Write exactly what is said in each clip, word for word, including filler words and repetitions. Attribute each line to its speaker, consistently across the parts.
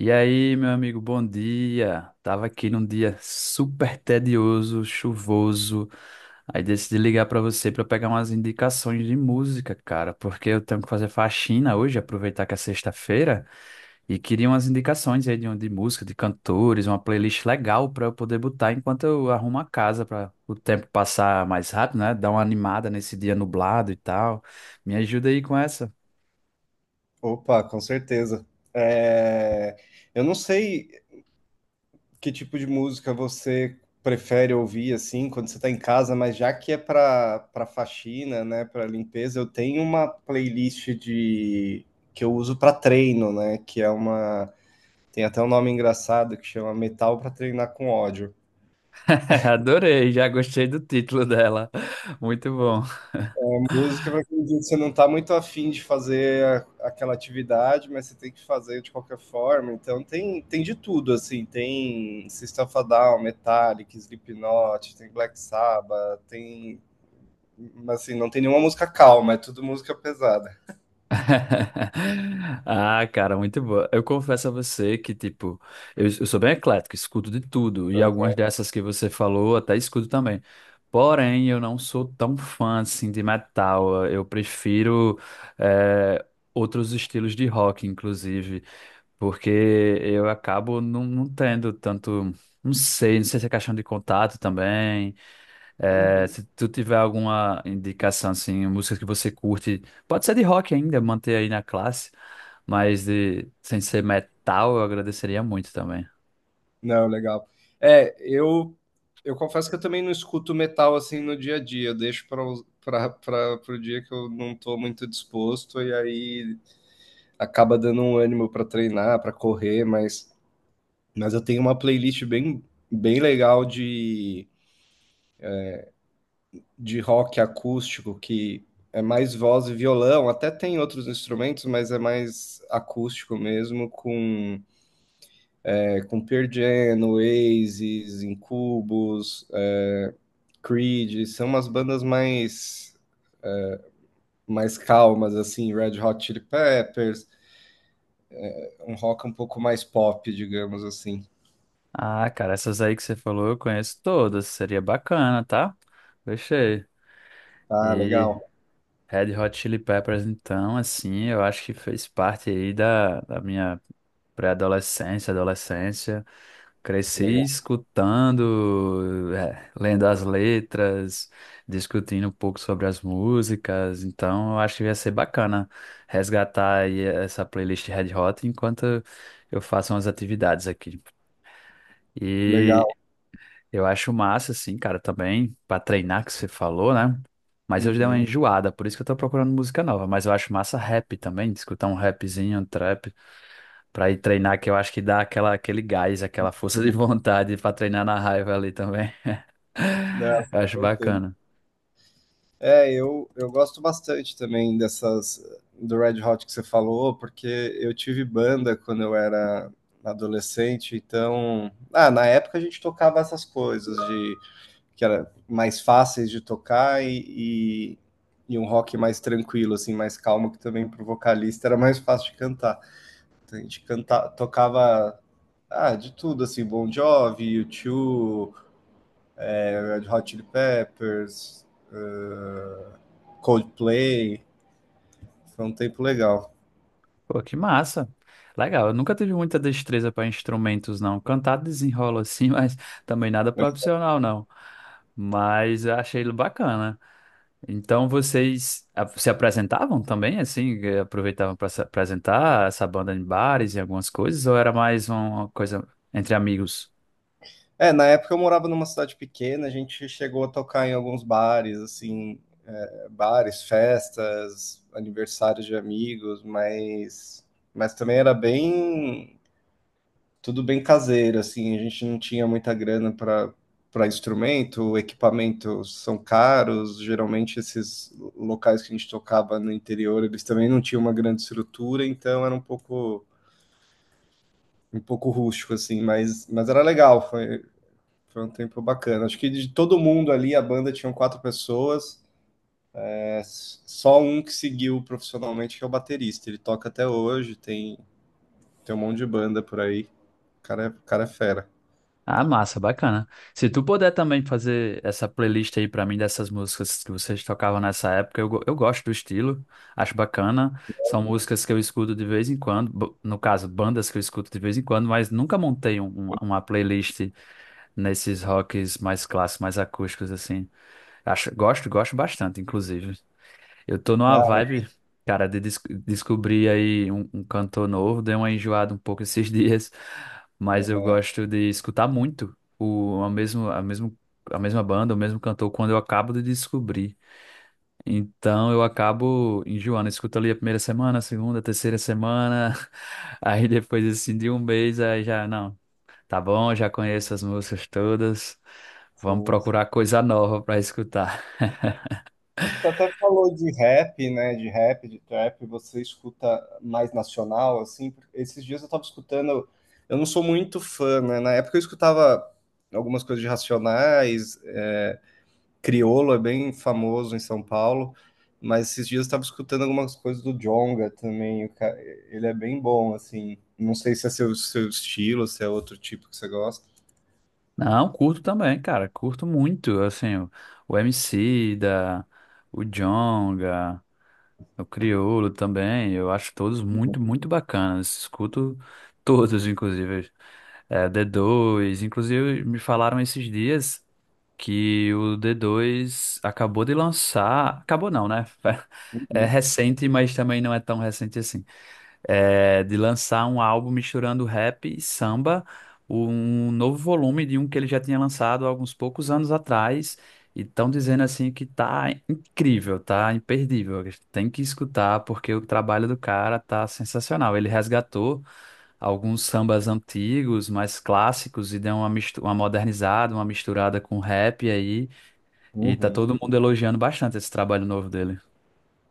Speaker 1: E aí, meu amigo, bom dia. Tava aqui num dia super tedioso, chuvoso. Aí decidi ligar pra você pra pegar umas indicações de música, cara, porque eu tenho que fazer faxina hoje, aproveitar que é sexta-feira, e queria umas indicações aí de, um, de música, de cantores, uma playlist legal pra eu poder botar enquanto eu arrumo a casa pra o tempo passar mais rápido, né? Dar uma animada nesse dia nublado e tal. Me ajuda aí com essa.
Speaker 2: Opa, com certeza. É, eu não sei que tipo de música você prefere ouvir assim quando você está em casa, mas já que é para para faxina, né, para limpeza, eu tenho uma playlist de que eu uso para treino, né, que é uma tem até um nome engraçado que chama Metal para treinar com ódio.
Speaker 1: Adorei, já gostei do título dela. Muito bom.
Speaker 2: É, música para aquele dia que você não está muito afim de fazer a aquela atividade, mas você tem que fazer de qualquer forma, então tem tem de tudo, assim, tem System of a Down, Metallica, Slipknot, tem Black Sabbath, tem mas, assim, não tem nenhuma música calma, é tudo música pesada.
Speaker 1: Ah, cara, muito boa. Eu confesso a você que, tipo, eu, eu sou bem eclético, escuto de tudo, e algumas dessas que você falou até escuto também. Porém, eu não sou tão fã, assim, de metal. Eu prefiro, eh, outros estilos de rock, inclusive, porque eu acabo não, não tendo tanto, não sei, não sei se é questão de contato também, é,
Speaker 2: Uhum.
Speaker 1: se tu tiver alguma indicação, assim, músicas que você curte, pode ser de rock ainda, manter aí na classe, mas de, sem ser metal, eu agradeceria muito também.
Speaker 2: Não, legal. É, eu eu confesso que eu também não escuto metal, assim, no dia a dia, eu deixo para para pra para o dia que eu não estou muito disposto, e aí acaba dando um ânimo para treinar, para correr, mas, mas eu tenho uma playlist bem, bem legal de, de rock acústico, que é mais voz e violão, até tem outros instrumentos, mas é mais acústico mesmo, com, é, com Pearl Jam, Oasis, Incubus, é, Creed, são umas bandas mais, mais calmas, assim, Red Hot Chili Peppers, um rock um pouco mais pop, digamos assim.
Speaker 1: Ah, cara, essas aí que você falou eu conheço todas, seria bacana, tá? Gostei.
Speaker 2: Ah,
Speaker 1: E
Speaker 2: legal,
Speaker 1: Red Hot Chili Peppers, então, assim, eu acho que fez parte aí da, da minha pré-adolescência, adolescência. Cresci
Speaker 2: legal,
Speaker 1: escutando, é, lendo as letras, discutindo um pouco sobre as músicas, então eu acho que ia ser bacana resgatar aí essa playlist Red Hot enquanto eu faço umas atividades aqui. E
Speaker 2: legal.
Speaker 1: eu acho massa, assim, cara, também, para treinar que você falou, né? Mas eu já dei uma
Speaker 2: Uhum.
Speaker 1: enjoada, por isso que eu tô procurando música nova, mas eu acho massa rap também, escutar um rapzinho, um trap. Pra ir treinar, que eu acho que dá aquela, aquele gás, aquela força de vontade pra treinar na raiva ali também.
Speaker 2: Não,
Speaker 1: Eu
Speaker 2: com
Speaker 1: acho
Speaker 2: certeza.
Speaker 1: bacana.
Speaker 2: É, eu, eu gosto bastante também dessas do Red Hot que você falou, porque eu tive banda quando eu era adolescente, então, ah, na época a gente tocava essas coisas de que era mais fáceis de tocar e, e, e um rock mais tranquilo, assim, mais calmo, que também pro vocalista era mais fácil de cantar. Então, a gente canta, tocava ah, de tudo, assim, Bon Jovi, U dois, Red Hot Chili Peppers, Coldplay. Foi um tempo legal.
Speaker 1: Pô, que massa. Legal, eu nunca tive muita destreza para instrumentos, não. Cantar desenrola assim, mas também nada profissional, não. Mas eu achei ele bacana. Então vocês ah, se apresentavam também, assim, eh, aproveitavam para se apresentar essa banda em bares e algumas coisas, ou era mais uma coisa entre amigos?
Speaker 2: É, na época eu morava numa cidade pequena, a gente chegou a tocar em alguns bares, assim, é, bares, festas, aniversários de amigos, mas, mas também era bem, tudo bem caseiro, assim, a gente não tinha muita grana para para instrumento, equipamentos são caros, geralmente esses locais que a gente tocava no interior, eles também não tinham uma grande estrutura, então era um pouco um pouco rústico assim, mas mas era legal. Foi Foi um tempo bacana. Acho que de todo mundo ali, a banda tinha quatro pessoas. É, só um que seguiu profissionalmente, que é o baterista. Ele toca até hoje, tem, tem um monte de banda por aí. O cara é, o cara é fera.
Speaker 1: Ah, massa, bacana. Se tu puder também fazer essa playlist aí pra mim dessas músicas que vocês tocavam nessa época, eu, go- eu gosto do estilo, acho bacana. São músicas que eu escuto de vez em quando, bo- no caso, bandas que eu escuto de vez em quando, mas nunca montei um- um- uma playlist nesses rocks mais clássicos, mais acústicos, assim. Acho, gosto, gosto bastante, inclusive. Eu tô numa
Speaker 2: Ah,
Speaker 1: vibe, cara, de des- descobrir aí um, um cantor novo. Dei uma enjoada um pouco esses dias, mas eu
Speaker 2: aham,
Speaker 1: gosto de escutar muito o, a mesmo, a mesmo, a mesma banda, o mesmo cantor, quando eu acabo de descobrir. Então eu acabo enjoando. Eu escuto ali a primeira semana, a segunda, a terceira semana, aí depois assim de um mês, aí já, não, tá bom, já conheço as músicas todas. Vamos
Speaker 2: sim, sim.
Speaker 1: procurar coisa nova pra escutar.
Speaker 2: Você até falou de rap, né? De rap, de trap, você escuta mais nacional, assim. Esses dias eu tava escutando. Eu não sou muito fã, né? Na época eu escutava algumas coisas de Racionais, Criolo é bem famoso em São Paulo, mas esses dias eu estava escutando algumas coisas do Djonga também. o ca- Ele é bem bom, assim. Não sei se é seu, seu estilo, se é outro tipo que você gosta.
Speaker 1: Não, curto também, cara. Curto muito, assim, o, o Emicida, o Djonga, o Criolo também. Eu acho todos muito, muito bacanas. Escuto todos, inclusive. É, d dois inclusive me falaram esses dias que o d dois acabou de lançar... Acabou não, né? É
Speaker 2: Uhum,
Speaker 1: recente, mas também não é tão recente assim é, de lançar um álbum misturando rap e samba, um novo volume de um que ele já tinha lançado há alguns poucos anos atrás. E estão dizendo assim que tá incrível, tá imperdível. Tem que escutar porque o trabalho do cara tá sensacional. Ele resgatou alguns sambas antigos, mais clássicos, e deu uma, mistu- uma modernizada, uma misturada com rap aí. E tá
Speaker 2: uhum.
Speaker 1: todo mundo elogiando bastante esse trabalho novo dele. Não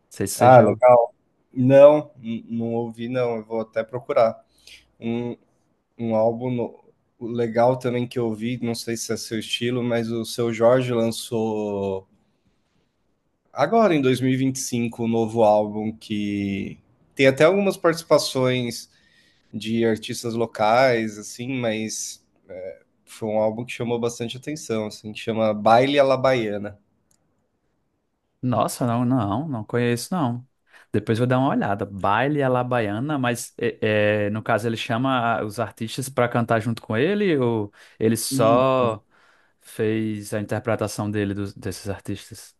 Speaker 1: sei se você
Speaker 2: Ah,
Speaker 1: já.
Speaker 2: legal. Não, n- não ouvi, não. Eu vou até procurar. Um, um álbum no- legal também que eu ouvi, não sei se é seu estilo, mas o Seu Jorge lançou agora em dois mil e e vinte e cinco um novo álbum que tem até algumas participações de artistas locais, assim, mas é, foi um álbum que chamou bastante atenção, assim, que chama Baile à la Baiana.
Speaker 1: Nossa, não, não, não conheço, não. Depois vou dar uma olhada. Baile Alabaiana, mas é, é, no caso ele chama a- os artistas para cantar junto com ele ou ele
Speaker 2: E
Speaker 1: só fez a interpretação dele dos- desses artistas?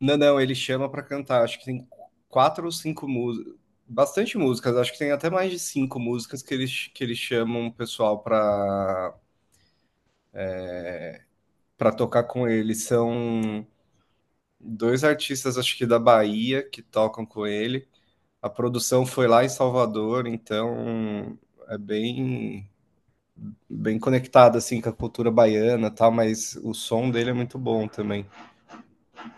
Speaker 2: Não, não, ele chama para cantar, acho que tem quatro ou cinco músicas, bastante músicas, acho que tem até mais de cinco músicas que eles, que eles, chamam o pessoal para para tocar com ele. São dois artistas, acho que da Bahia, que tocam com ele. A produção foi lá em Salvador, então é bem bem conectado assim com a cultura baiana, e tal, mas o som dele é muito bom também.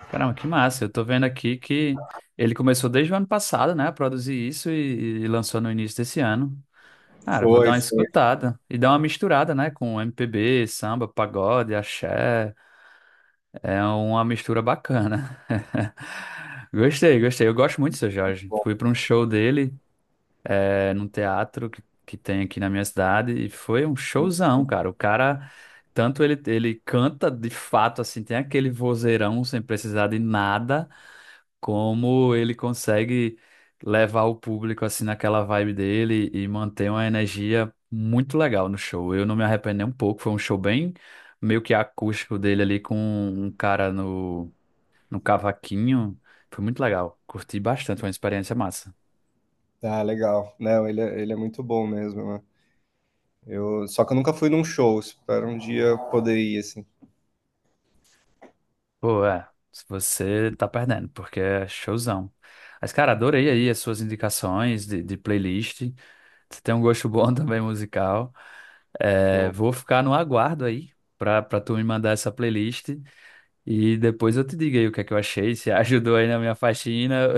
Speaker 1: Caramba, que massa. Eu tô vendo aqui que ele começou desde o ano passado, né, a produzir isso e, e lançou no início desse ano. Cara, vou dar
Speaker 2: Foi,
Speaker 1: uma
Speaker 2: foi
Speaker 1: escutada e dar uma misturada, né, com M P B, samba, pagode, axé. É uma mistura bacana. Gostei, gostei. Eu gosto muito do seu Jorge.
Speaker 2: bom.
Speaker 1: Fui para um show dele, é, num teatro que, que tem aqui na minha cidade, e foi um showzão, cara. O cara, tanto ele, ele canta de fato, assim, tem aquele vozeirão sem precisar de nada, como ele consegue levar o público, assim, naquela vibe dele e manter uma energia muito legal no show. Eu não me arrependi nem um pouco, foi um show bem meio que acústico dele ali com um cara no no cavaquinho. Foi muito legal. Curti bastante, foi uma experiência massa.
Speaker 2: Ah, legal. Não, ele é, ele é muito bom mesmo, né? Eu, só que eu nunca fui num show, espero um dia poder ir assim.
Speaker 1: Pô, é. Se você tá perdendo, porque é showzão. Mas, cara, adorei aí as suas indicações de, de playlist. Você tem um gosto bom também musical. É,
Speaker 2: Show.
Speaker 1: vou ficar no aguardo aí pra, pra tu me mandar essa playlist e depois eu te digo aí o que é que eu achei, se ajudou aí na minha faxina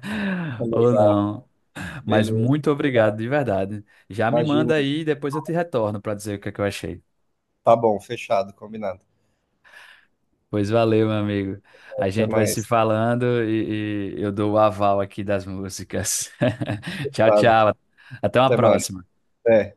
Speaker 1: ou não. Mas
Speaker 2: Beleza.
Speaker 1: muito obrigado, de verdade. Já me
Speaker 2: Imagina.
Speaker 1: manda aí e depois eu te retorno pra dizer o que é que eu achei.
Speaker 2: Tá bom, fechado, combinado.
Speaker 1: Pois valeu, meu amigo. A
Speaker 2: Até
Speaker 1: gente vai se
Speaker 2: mais.
Speaker 1: falando e, e eu dou o aval aqui das músicas. Tchau,
Speaker 2: Fechado.
Speaker 1: tchau. Até uma
Speaker 2: Até mais.
Speaker 1: próxima.
Speaker 2: É.